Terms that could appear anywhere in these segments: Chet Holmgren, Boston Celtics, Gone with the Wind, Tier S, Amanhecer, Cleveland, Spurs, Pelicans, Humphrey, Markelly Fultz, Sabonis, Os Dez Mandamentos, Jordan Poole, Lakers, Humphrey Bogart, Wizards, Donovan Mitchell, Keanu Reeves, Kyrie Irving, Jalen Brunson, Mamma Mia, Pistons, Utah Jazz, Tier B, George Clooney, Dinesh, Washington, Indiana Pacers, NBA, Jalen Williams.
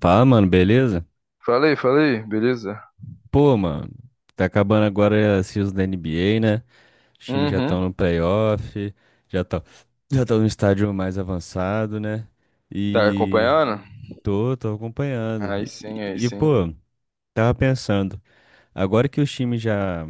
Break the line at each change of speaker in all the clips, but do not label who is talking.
Fala, mano, beleza?
Falei, falei, beleza?
Pô, mano, tá acabando agora a season da NBA, né? Os times já estão
Uhum,
no playoff, já estão já estão no estádio mais avançado, né?
tá
E
acompanhando?
tô acompanhando.
Aí sim, aí sim.
Pô, tava pensando, agora que os times já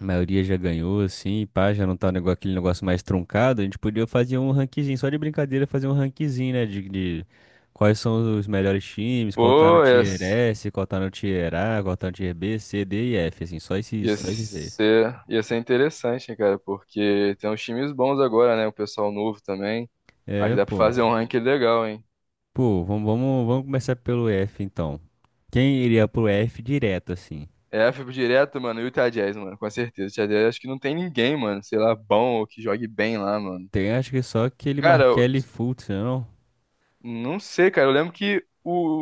a maioria já ganhou, assim, pá, já não tá aquele negócio mais truncado. A gente podia fazer um ranquezinho, só de brincadeira, fazer um ranquezinho, né? De quais são os melhores times, qual tá no
Pô,
Tier S, qual tá no Tier A, qual tá no Tier B, C, D e F, assim, só esses,
ia
só esses seis.
ser, ia ser interessante, hein, cara, porque tem uns times bons agora, né? O pessoal novo também. Acho que
É,
dá pra
pô.
fazer um ranking legal, hein?
Pô, vamos começar pelo F, então. Quem iria pro F direto, assim?
É, eu fico direto, mano, e o Utah Jazz, mano, com certeza. O Utah Jazz acho que não tem ninguém, mano, sei lá, bom ou que jogue bem lá, mano.
Tem, acho que só aquele
Cara, eu
Markelly Fultz, não?
não sei, cara, eu lembro que o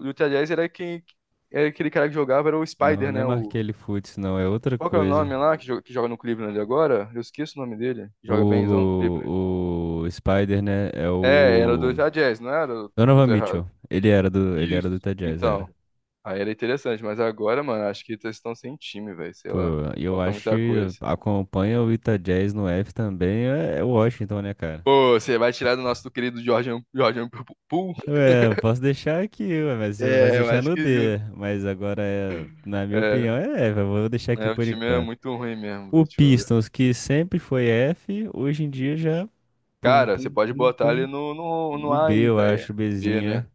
o Utah Jazz era quem, era aquele cara que jogava, era o
Não,
Spider,
não é
né?
Markelly Fultz, não, é outra
Qual que é o
coisa.
nome lá que joga no Cleveland agora? Eu esqueço o nome dele, que joga bemzão no Cleveland.
O Spider, né, é
É, era do
o
Utah Jazz, não era? Eu
Donovan
tô errado.
Mitchell. Ele era do
Isso.
Utah Jazz, era.
Então, aí era interessante, mas agora, mano, acho que eles estão sem time, velho. Sei
Pô,
lá.
e eu
Falta
acho
muita
que
coisa.
acompanha o Utah Jazz no F também é, é o Washington, né, cara?
Pô, você vai tirar do nosso do querido Jordan Poole?
Ué, eu posso deixar aqui, ué, mas eu posso
É, eu
deixar
acho
no
que justo.
D. Mas agora, é, na minha
É,
opinião, é F. Eu vou deixar aqui
é, o
por
time é
enquanto.
muito ruim mesmo,
O
velho. Deixa eu ver.
Pistons, que sempre foi F, hoje em dia já pum,
Cara, você
pum,
pode
pum,
botar ele
pum,
no, no, no
no
A
B,
aí,
eu
velho.
acho,
B,
Bzinho,
né?
né?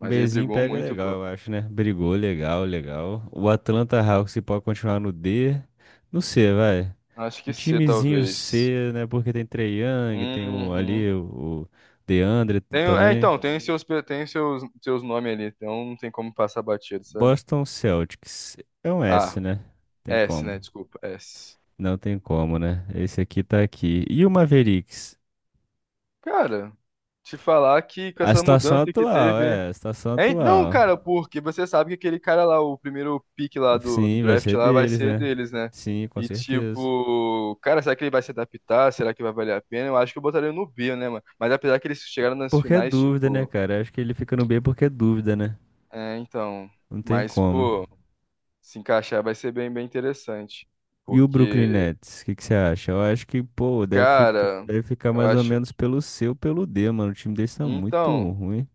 Um
ele
Bzinho
brigou
pega
muito,
legal,
pô.
eu acho, né? Brigou, legal, legal. O Atlanta Hawks se pode continuar no D, no C, vai.
Acho
Um
que C,
timezinho
talvez.
C, né? Porque tem Trae Young, tem o,
Uhum.
ali o DeAndre
Tem, é,
também.
então, tem seus, nomes ali, então não tem como passar batido, sabe?
Boston Celtics é um S,
Ah,
né? Tem
S, né?
como.
Desculpa, S.
Não tem como, né? Esse aqui tá aqui. E o Mavericks?
Cara, te falar que com
A
essa
situação
mudança que
atual,
teve.
é, a situação
É, não,
atual.
cara, porque você sabe que aquele cara lá, o primeiro pick lá do, do
Sim, vai
draft
ser
lá, vai
deles,
ser
né?
deles, né?
Sim, com
E
certeza.
tipo, cara, será que ele vai se adaptar? Será que vai valer a pena? Eu acho que eu botaria no B, né, mano? Mas apesar que eles chegaram nas
Porque é
finais,
dúvida, né,
tipo.
cara? Acho que ele fica no B porque é dúvida, né?
É, então.
Não tem
Mas,
como.
pô, se encaixar vai ser bem, bem interessante.
E o Brooklyn
Porque.
Nets, o que que você acha? Eu acho que, pô,
Cara,
deve ficar
eu
mais ou
acho
menos
que.
pelo C ou pelo D, mano. O time deles tá muito
Então,
ruim.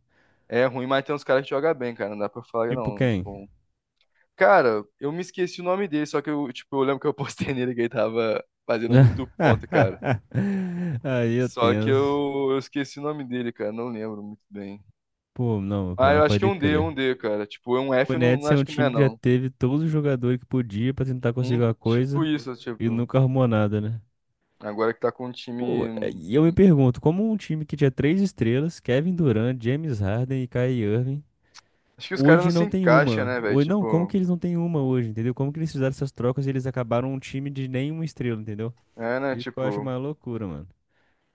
é ruim, mas tem uns caras que jogam bem, cara. Não dá pra falar, que
Tipo
não.
quem?
Tipo, cara, eu me esqueci o nome dele, só que tipo, eu lembro que eu postei nele que ele tava fazendo muito ponto, cara.
Aí eu
Só que
tenso.
eu esqueci o nome dele, cara. Não lembro muito bem.
Pô, não,
Ah,
pô,
eu acho que
pode
é
crer.
um D, cara. Tipo, é um
O
F, eu não
Nets é
acho
um
que não
time
é,
que já
não.
teve todos os jogadores que podia pra tentar
Um
conseguir uma
tipo
coisa
isso,
e
tipo.
nunca arrumou nada, né?
Agora que tá com um
Pô, é,
time.
e eu me pergunto, como um time que tinha três estrelas, Kevin Durant, James Harden e Kyrie Irving,
Acho que os caras não
hoje
se
não tem
encaixam,
uma.
né, velho?
Hoje, não, como
Tipo.
que eles não têm uma hoje, entendeu? Como que eles fizeram essas trocas e eles acabaram um time de nenhuma estrela, entendeu?
É, né?
Isso que eu acho
Tipo,
uma loucura, mano.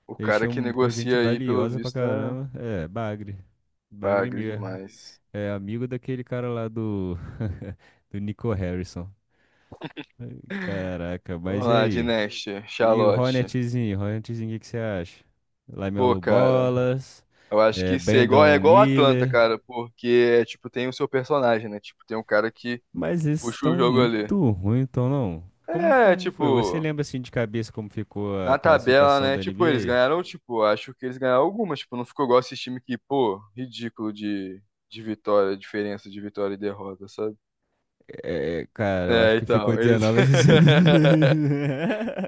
o
Eles
cara que
tinham com gente
negocia aí, pelo
valiosa pra
visto, é.
caramba. É, Bagre. Bagre
Bagre
mesmo.
demais.
É amigo daquele cara lá do... do Nico Harrison. Caraca,
Vamos
mas e
lá,
aí?
Dinesh,
E o
Charlotte.
Ronetzinho, Ronetzinho, o que que você acha?
Pô,
Lamelo
cara,
Bolas,
eu acho que isso é
Brandon
igual Atlanta,
Miller,
cara, porque, é, tipo, tem o seu personagem, né? Tipo, tem um cara que
mas esses
puxa
estão
o jogo ali.
muito ruins, então não. Como,
É,
como foi? Você
tipo,
lembra assim de cabeça como ficou a
na tabela,
classificação
né?
da
Tipo, eles
NBA?
ganharam, tipo, acho que eles ganharam algumas, tipo, não ficou igual esse time que, pô, ridículo de vitória, diferença de vitória e derrota, sabe?
É, cara, eu acho
É,
que ficou
então, eles...
19-63.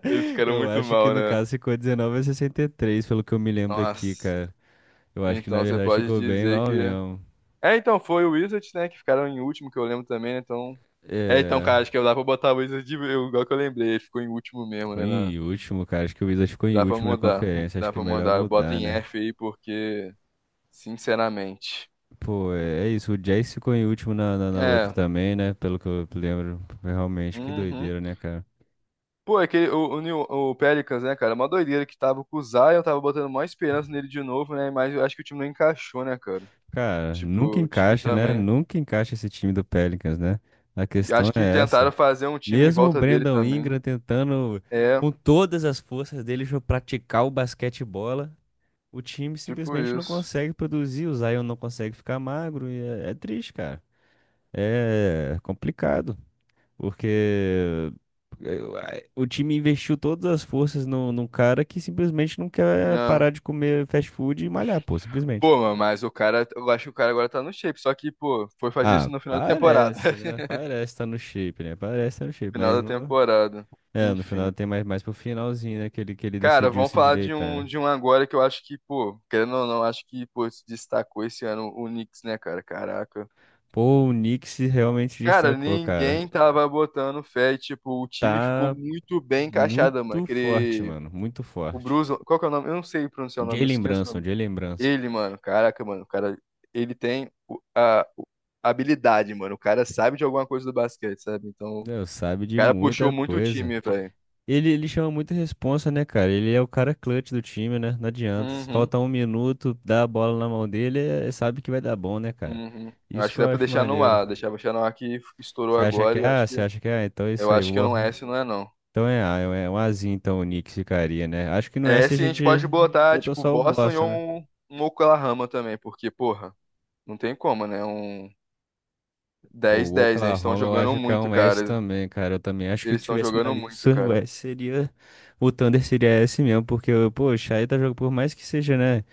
Eles ficaram
Eu
muito
acho que
mal,
no
né?
caso ficou 19-63, pelo que eu me lembro
Nossa.
aqui, cara. Eu acho que
Então,
na
você
verdade
pode
ficou bem
dizer
mal
que...
mesmo.
É, então, foi o Wizards, né, que ficaram em último, que eu lembro também, né, então... É, então,
É.
cara, acho que dá pra botar o Wizards, eu, igual que eu lembrei, ele ficou em último mesmo,
Ficou
né,
em último, cara. Acho que o Wizards ficou em
dá pra
último na
mudar,
conferência. Acho
dá
que é
pra
melhor
mudar, eu boto
mudar,
em
né?
F aí, porque, sinceramente...
Pô, é, é isso. O Jazz ficou em último na outra
É,
também, né? Pelo que eu lembro. Realmente, que
uhum.
doideira, né, cara?
Pô, é que o Pelicans, né, cara, é uma doideira que tava com o Zion, eu tava botando maior esperança nele de novo, né, mas eu acho que o time não encaixou, né, cara,
Cara,
tipo,
nunca
o time
encaixa, né?
também...
Nunca encaixa esse time do Pelicans, né? A
E
questão
acho que
é
tentaram
essa.
fazer um time em
Mesmo o
volta dele
Brandon Ingram
também,
tentando,
é,
com todas as forças dele, praticar o basquete bola, o time
tipo
simplesmente não
isso,
consegue produzir. O Zion não consegue ficar magro. E é triste, cara. É complicado. Porque eu- o time investiu todas as forças no, num cara que simplesmente não quer
né.
parar de comer fast food e malhar, pô, simplesmente.
Pô, mano, mas o cara, eu acho que o cara agora tá no shape, só que, pô, foi fazer isso
Ah,
no final da temporada.
parece, né? Parece tá no shape, né? Parece tá no shape,
Final
mas
da
não.
temporada.
É, no
Enfim.
final tem mais, mais pro finalzinho, né? Que ele
Cara,
decidiu
vamos
se
falar de
endireitar,
um,
né?
de um agora que eu acho que, pô, querendo ou não, acho que, pô, se destacou esse ano o Knicks, né, cara? Caraca.
Pô, o Knicks se realmente
Cara,
destacou, cara.
ninguém tava botando fé e, tipo, o time ficou
Tá
muito bem encaixado, mano.
muito forte,
Aquele.
mano. Muito
O
forte.
Bruce. Qual que é o nome? Eu não sei pronunciar o nome, eu
Jalen
esqueço o
Brunson,
nome.
Jalen Brunson.
Ele, mano, caraca, mano, o cara, ele tem a habilidade, mano. O cara sabe de alguma coisa do basquete, sabe? Então, o
Deus, sabe de
cara puxou
muita
muito o
coisa.
time, velho.
Ele chama muita responsa, né, cara? Ele é o cara clutch do time, né? Não adianta. Se
Uhum,
faltar um minuto, dá a bola na mão dele, é, sabe que vai dar bom, né, cara?
uhum. Eu
Isso
acho que
que eu
dá pra
acho
deixar no
maneiro.
ar, deixar no ar, que estourou
Você acha que
agora e
é A?
acho que
Você acha que é A? Então é isso
eu
aí.
acho que
Boa.
não é esse, não é não.
Então é A, é um Azinho, então o Knicks ficaria, né? Acho que no
É
S a
esse a
gente
gente pode botar
botou
tipo
só o
Boston e
Boston, né?
um Oklahoma também, porque porra, não tem como, né? Um
Pô,
dez,
o
dez, né? Eles estão
Oklahoma eu
jogando
acho que é
muito,
um S
cara.
também, cara. Eu também acho que se
Eles estão
tivesse uma
jogando muito,
lista, o
cara.
S seria. O Thunder seria S mesmo, porque, pô, o Shai tá jogando por mais que seja, né?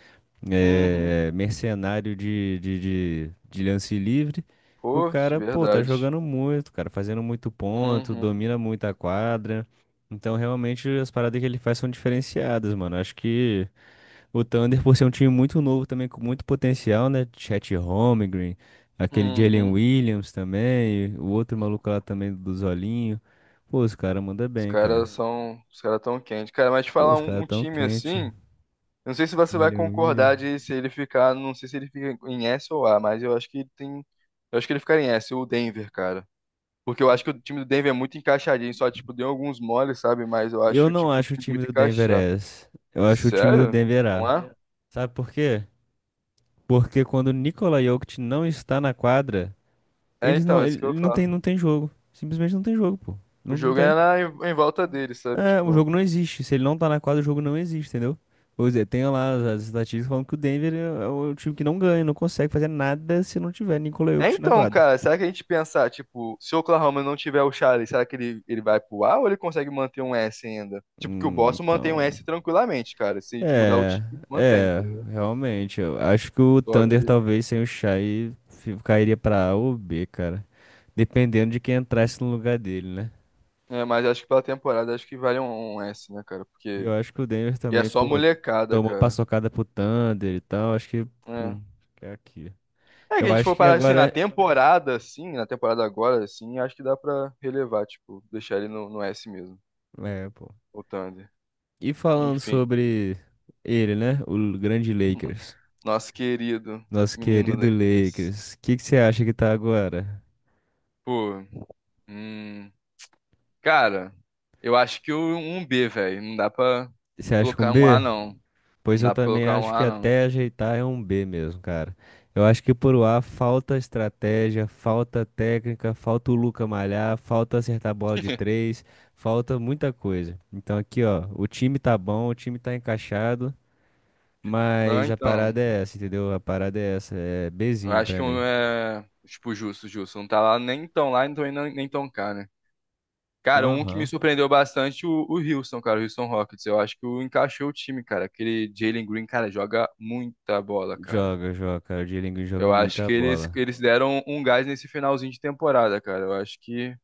Uhum.
É, mercenário de lance livre. O
Pô, de
cara, pô, tá
verdade.
jogando muito, cara, fazendo muito ponto,
Uhum.
domina muito a quadra. Então, realmente, as paradas que ele faz são diferenciadas, mano. Acho que o Thunder, por ser um time muito novo também, com muito potencial, né? Chet Holmgren, aquele Jalen
Uhum.
Williams também, o outro maluco lá também do Zolinho. Pô, os caras mandam
Os
bem,
caras
cara.
São, os caras tão quentes. Cara, mas te
Pô,
falar
os
um,
caras
um
tão
time
quente.
assim, eu não sei se você vai
Jalen
concordar
Williams.
de se ele ficar, não sei se ele fica em S ou A, mas eu acho que ele tem, eu acho que ele ficaria em S, o Denver, cara. Porque eu acho que o time do Denver é muito encaixadinho, só tipo deu alguns moles, sabe? Mas eu
Eu
acho
não
tipo o
acho o
time
time
muito
do Denver
encaixado.
S. Eu acho o time do
Sério?
Denver
Não
A.
é?
Sabe por quê? Porque quando o Nikola Jokic não está na quadra,
É,
eles
então,
não,
é então, isso que eu
ele não tem,
falo.
não tem jogo. Simplesmente não tem jogo, pô.
O
Não, não
jogo é
tem.
em volta dele, sabe?
É, o
Tipo,
jogo não existe. Se ele não tá na quadra, o jogo não existe, entendeu? Pois é, tem lá as estatísticas falando que o Denver é, é o time que não ganha, não consegue fazer nada se não tiver Nikola
é
Jokic na
então,
quadra.
cara, será que a gente pensar, tipo, se o Oklahoma não tiver o Charlie, será que ele vai pro A ou ele consegue manter um S ainda? Tipo, que o Boston mantém um
Então.
S tranquilamente, cara. Se de mudar o
É,
time, mantém,
é,
entendeu?
realmente. Eu acho que o
Só
Thunder
que.
talvez sem o Shai cairia pra A ou B, cara. Dependendo de quem entrasse no lugar dele, né?
É, mas acho que pela temporada acho que vale um S, né, cara?
E eu
Porque.
acho que o Denver
E é
também,
só
pô,
molecada,
tomou
cara.
paçocada pro Thunder e tal. Acho que,
É.
pum, é aqui.
É que a
Eu
gente
acho
for
que
parar
agora.
assim, na temporada agora, assim, acho que dá pra relevar, tipo, deixar ele no S mesmo,
É, pô.
o Thunder.
E falando
Enfim,
sobre ele, né? O grande Lakers.
nosso querido
Nosso
menino
querido
Lakers.
Lakers. O que que você acha que tá agora?
Pô, hum, Cara, eu acho que um B, velho. Não dá pra
Você acha com
colocar um A,
B?
não.
Pois
Não
eu
dá pra
também
colocar um
acho que
A, não.
até ajeitar é um B mesmo, cara. Eu acho que por A falta estratégia, falta técnica, falta o Luca malhar, falta acertar a bola de três, falta muita coisa. Então aqui, ó, o time tá bom, o time tá encaixado,
Não,
mas a parada
então.
é essa, entendeu? A parada é essa, é
Eu
Bzinho
acho
pra
que um
mim.
é. Tipo, justo, justo. Não tá lá nem tão lá, então nem tão cá, né? Cara, um que me
Aham.
surpreendeu bastante, o Houston, cara, o Houston Rockets. Eu acho que o encaixou o time, cara. Aquele Jalen Green, cara, joga muita bola, cara.
Joga, joga, cara. O Dielingo joga
Eu acho
muita
que eles,
bola.
eles deram um gás nesse finalzinho de temporada, cara. Eu acho que.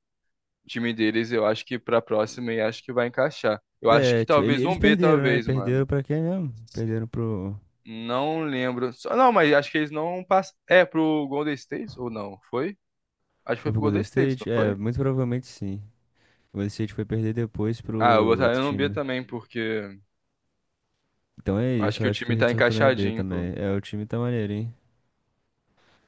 Time deles, eu acho que pra próxima e acho que vai encaixar. Eu acho
É,
que
tio,
talvez
eles
um B,
perderam, né?
talvez, mano.
Perderam pra quem mesmo?
Não lembro. Não, mas acho que eles não passam. É, pro Golden State ou não? Foi? Acho que foi
Pro
pro
Golden
Golden State, não
State? É,
foi?
muito provavelmente sim. O City foi perder depois pro
Ah, eu
outro
botaria no
time,
B
né?
também, porque eu
Então é
acho
isso,
que
eu
o
acho que o
time tá
Restor também é B
encaixadinho, pô.
também. É, o time tá maneiro, hein?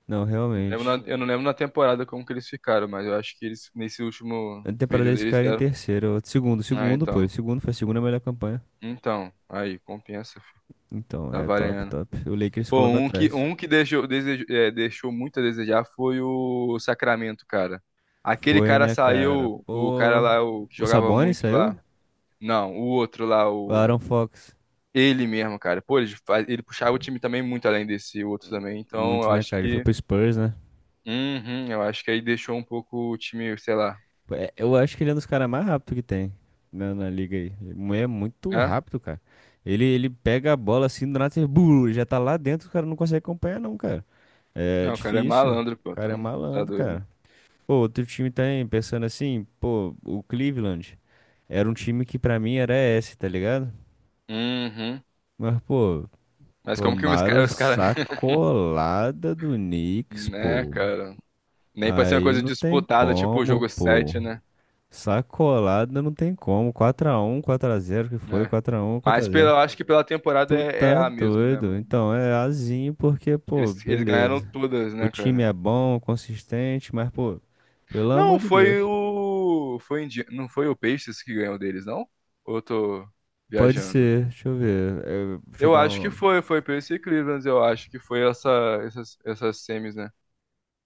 Não,
Não lembro
realmente.
Eu não lembro na temporada como que eles ficaram, mas eu acho que eles, nesse último
Na temporada
período,
eles
eles
ficaram em
deram.
terceiro. Ou segundo,
Ah,
segundo, pô.
então.
Segundo foi a segunda melhor campanha.
Então, aí, compensa, filho.
Então,
Tá
é top,
valendo.
top. O Lakers
Pô,
colocou
um que,
atrás.
um que deixou muito a desejar foi o Sacramento, cara. Aquele
Foi,
cara
né, cara?
saiu, o cara
Pô.
lá, o que
O
jogava
Sabonis
muito
saiu?
lá. Não, o outro lá,
O
o.
Aaron Fox.
Ele mesmo, cara. Pô, ele puxava o time também muito além desse outro também. Então,
Muito,
eu
né,
acho
cara? Ele foi
que.
pro Spurs, né?
Uhum, eu acho que aí deixou um pouco o time, sei lá.
É, eu acho que ele é um dos caras mais rápidos que tem na liga aí. Ele é muito
Hã?
rápido, cara. Ele pega a bola assim, do nada, você, blu, já tá lá dentro, o cara não consegue acompanhar, não, cara. É
Não, o cara é
difícil.
malandro, pô.
O cara é
Então, tá
malandro,
doido.
cara. Pô, outro time também, pensando assim, pô, o Cleveland era um time que pra mim era esse, tá ligado?
Uhum.
Mas, pô,
Mas como que os
tomaram
caras. Os cara...
sacolada do Knicks,
Né,
pô.
cara? Nem pra ser uma
Aí
coisa
não tem
disputada, tipo o
como,
jogo
pô.
7 né?
Sacolada não tem como. 4-1, 4-0 que foi,
É.
4-1, quatro
Mas
a
pela,
zero.
eu acho que pela temporada
Tu
é, é
tá
A mesmo, né,
doido.
mano?
Então é azinho porque, pô,
Eles ganharam
beleza.
todas,
O
né,
time
cara?
é bom, consistente, mas, pô, pelo
Não,
amor de
foi
Deus.
o. Foi Indi... Não foi o Pacers que ganhou deles, não? Ou eu tô
Pode
viajando?
ser, deixa eu ver. É, deixa eu
Eu
dar
acho que
um.
foi Pacers e Cleveland, eu acho que foi essa, essas semis, né?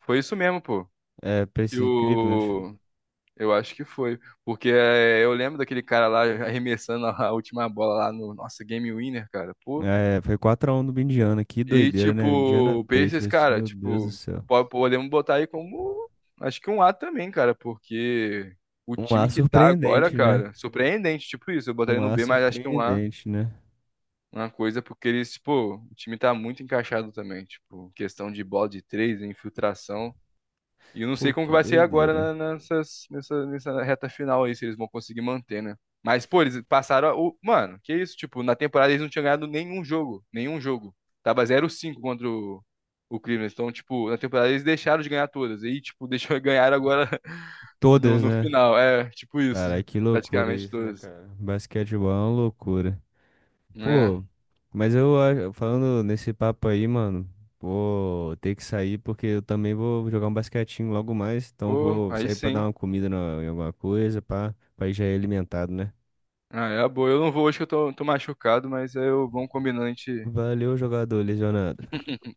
Foi isso mesmo, pô.
É,
Que
Pacers de Cleveland.
o. Eu acho que foi. Porque é, eu lembro daquele cara lá arremessando a última bola lá no nossa Game Winner, cara. Pô,
É, foi quatro a um do Indiana. Que
e,
doideira,
tipo,
né? Indiana
o Pacers,
Pacers,
cara,
meu Deus do
tipo,
céu.
podemos botar aí como, acho que um A também, cara, porque o
Um
time
A
que tá agora, Uhum,
surpreendente, né?
cara, surpreendente, tipo isso, eu
Um
botaria no
A
B, mas acho que um A,
surpreendente, né?
uma coisa, porque eles, pô, o time tá muito encaixado também, tipo, questão de bola de três, infiltração, e eu não sei
Pô,
como que
que
vai ser agora
doideira.
nessa reta final aí, se eles vão conseguir manter, né? Mas, pô, eles passaram. O... Mano, que isso? Tipo, na temporada eles não tinham ganhado nenhum jogo. Nenhum jogo. Tava 0-5 contra o Cleveland. Então, tipo, na temporada eles deixaram de ganhar todas. E, tipo, deixou ganhar agora no,
Todas,
no
né?
final. É, tipo isso.
Caralho, que loucura
Praticamente
isso, né,
todas,
cara? Basquetebol é uma loucura.
né?
Pô, mas eu falando nesse papo aí, mano, vou ter que sair porque eu também vou jogar um basquetinho logo mais, então
Pô,
vou
aí
sair pra dar
sim.
uma comida em alguma coisa, pá, pra ir já ir alimentado, né?
Ah, é a boa. Eu não vou hoje que eu tô machucado, mas eu vamos combinando, a gente
Valeu, jogador lesionado.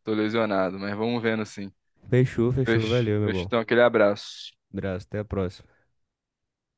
tô lesionado, mas vamos vendo assim.
Fechou, fechou,
Fecho,
valeu, meu
fecho,
bom.
então, aquele abraço.
Abraço, até a próxima.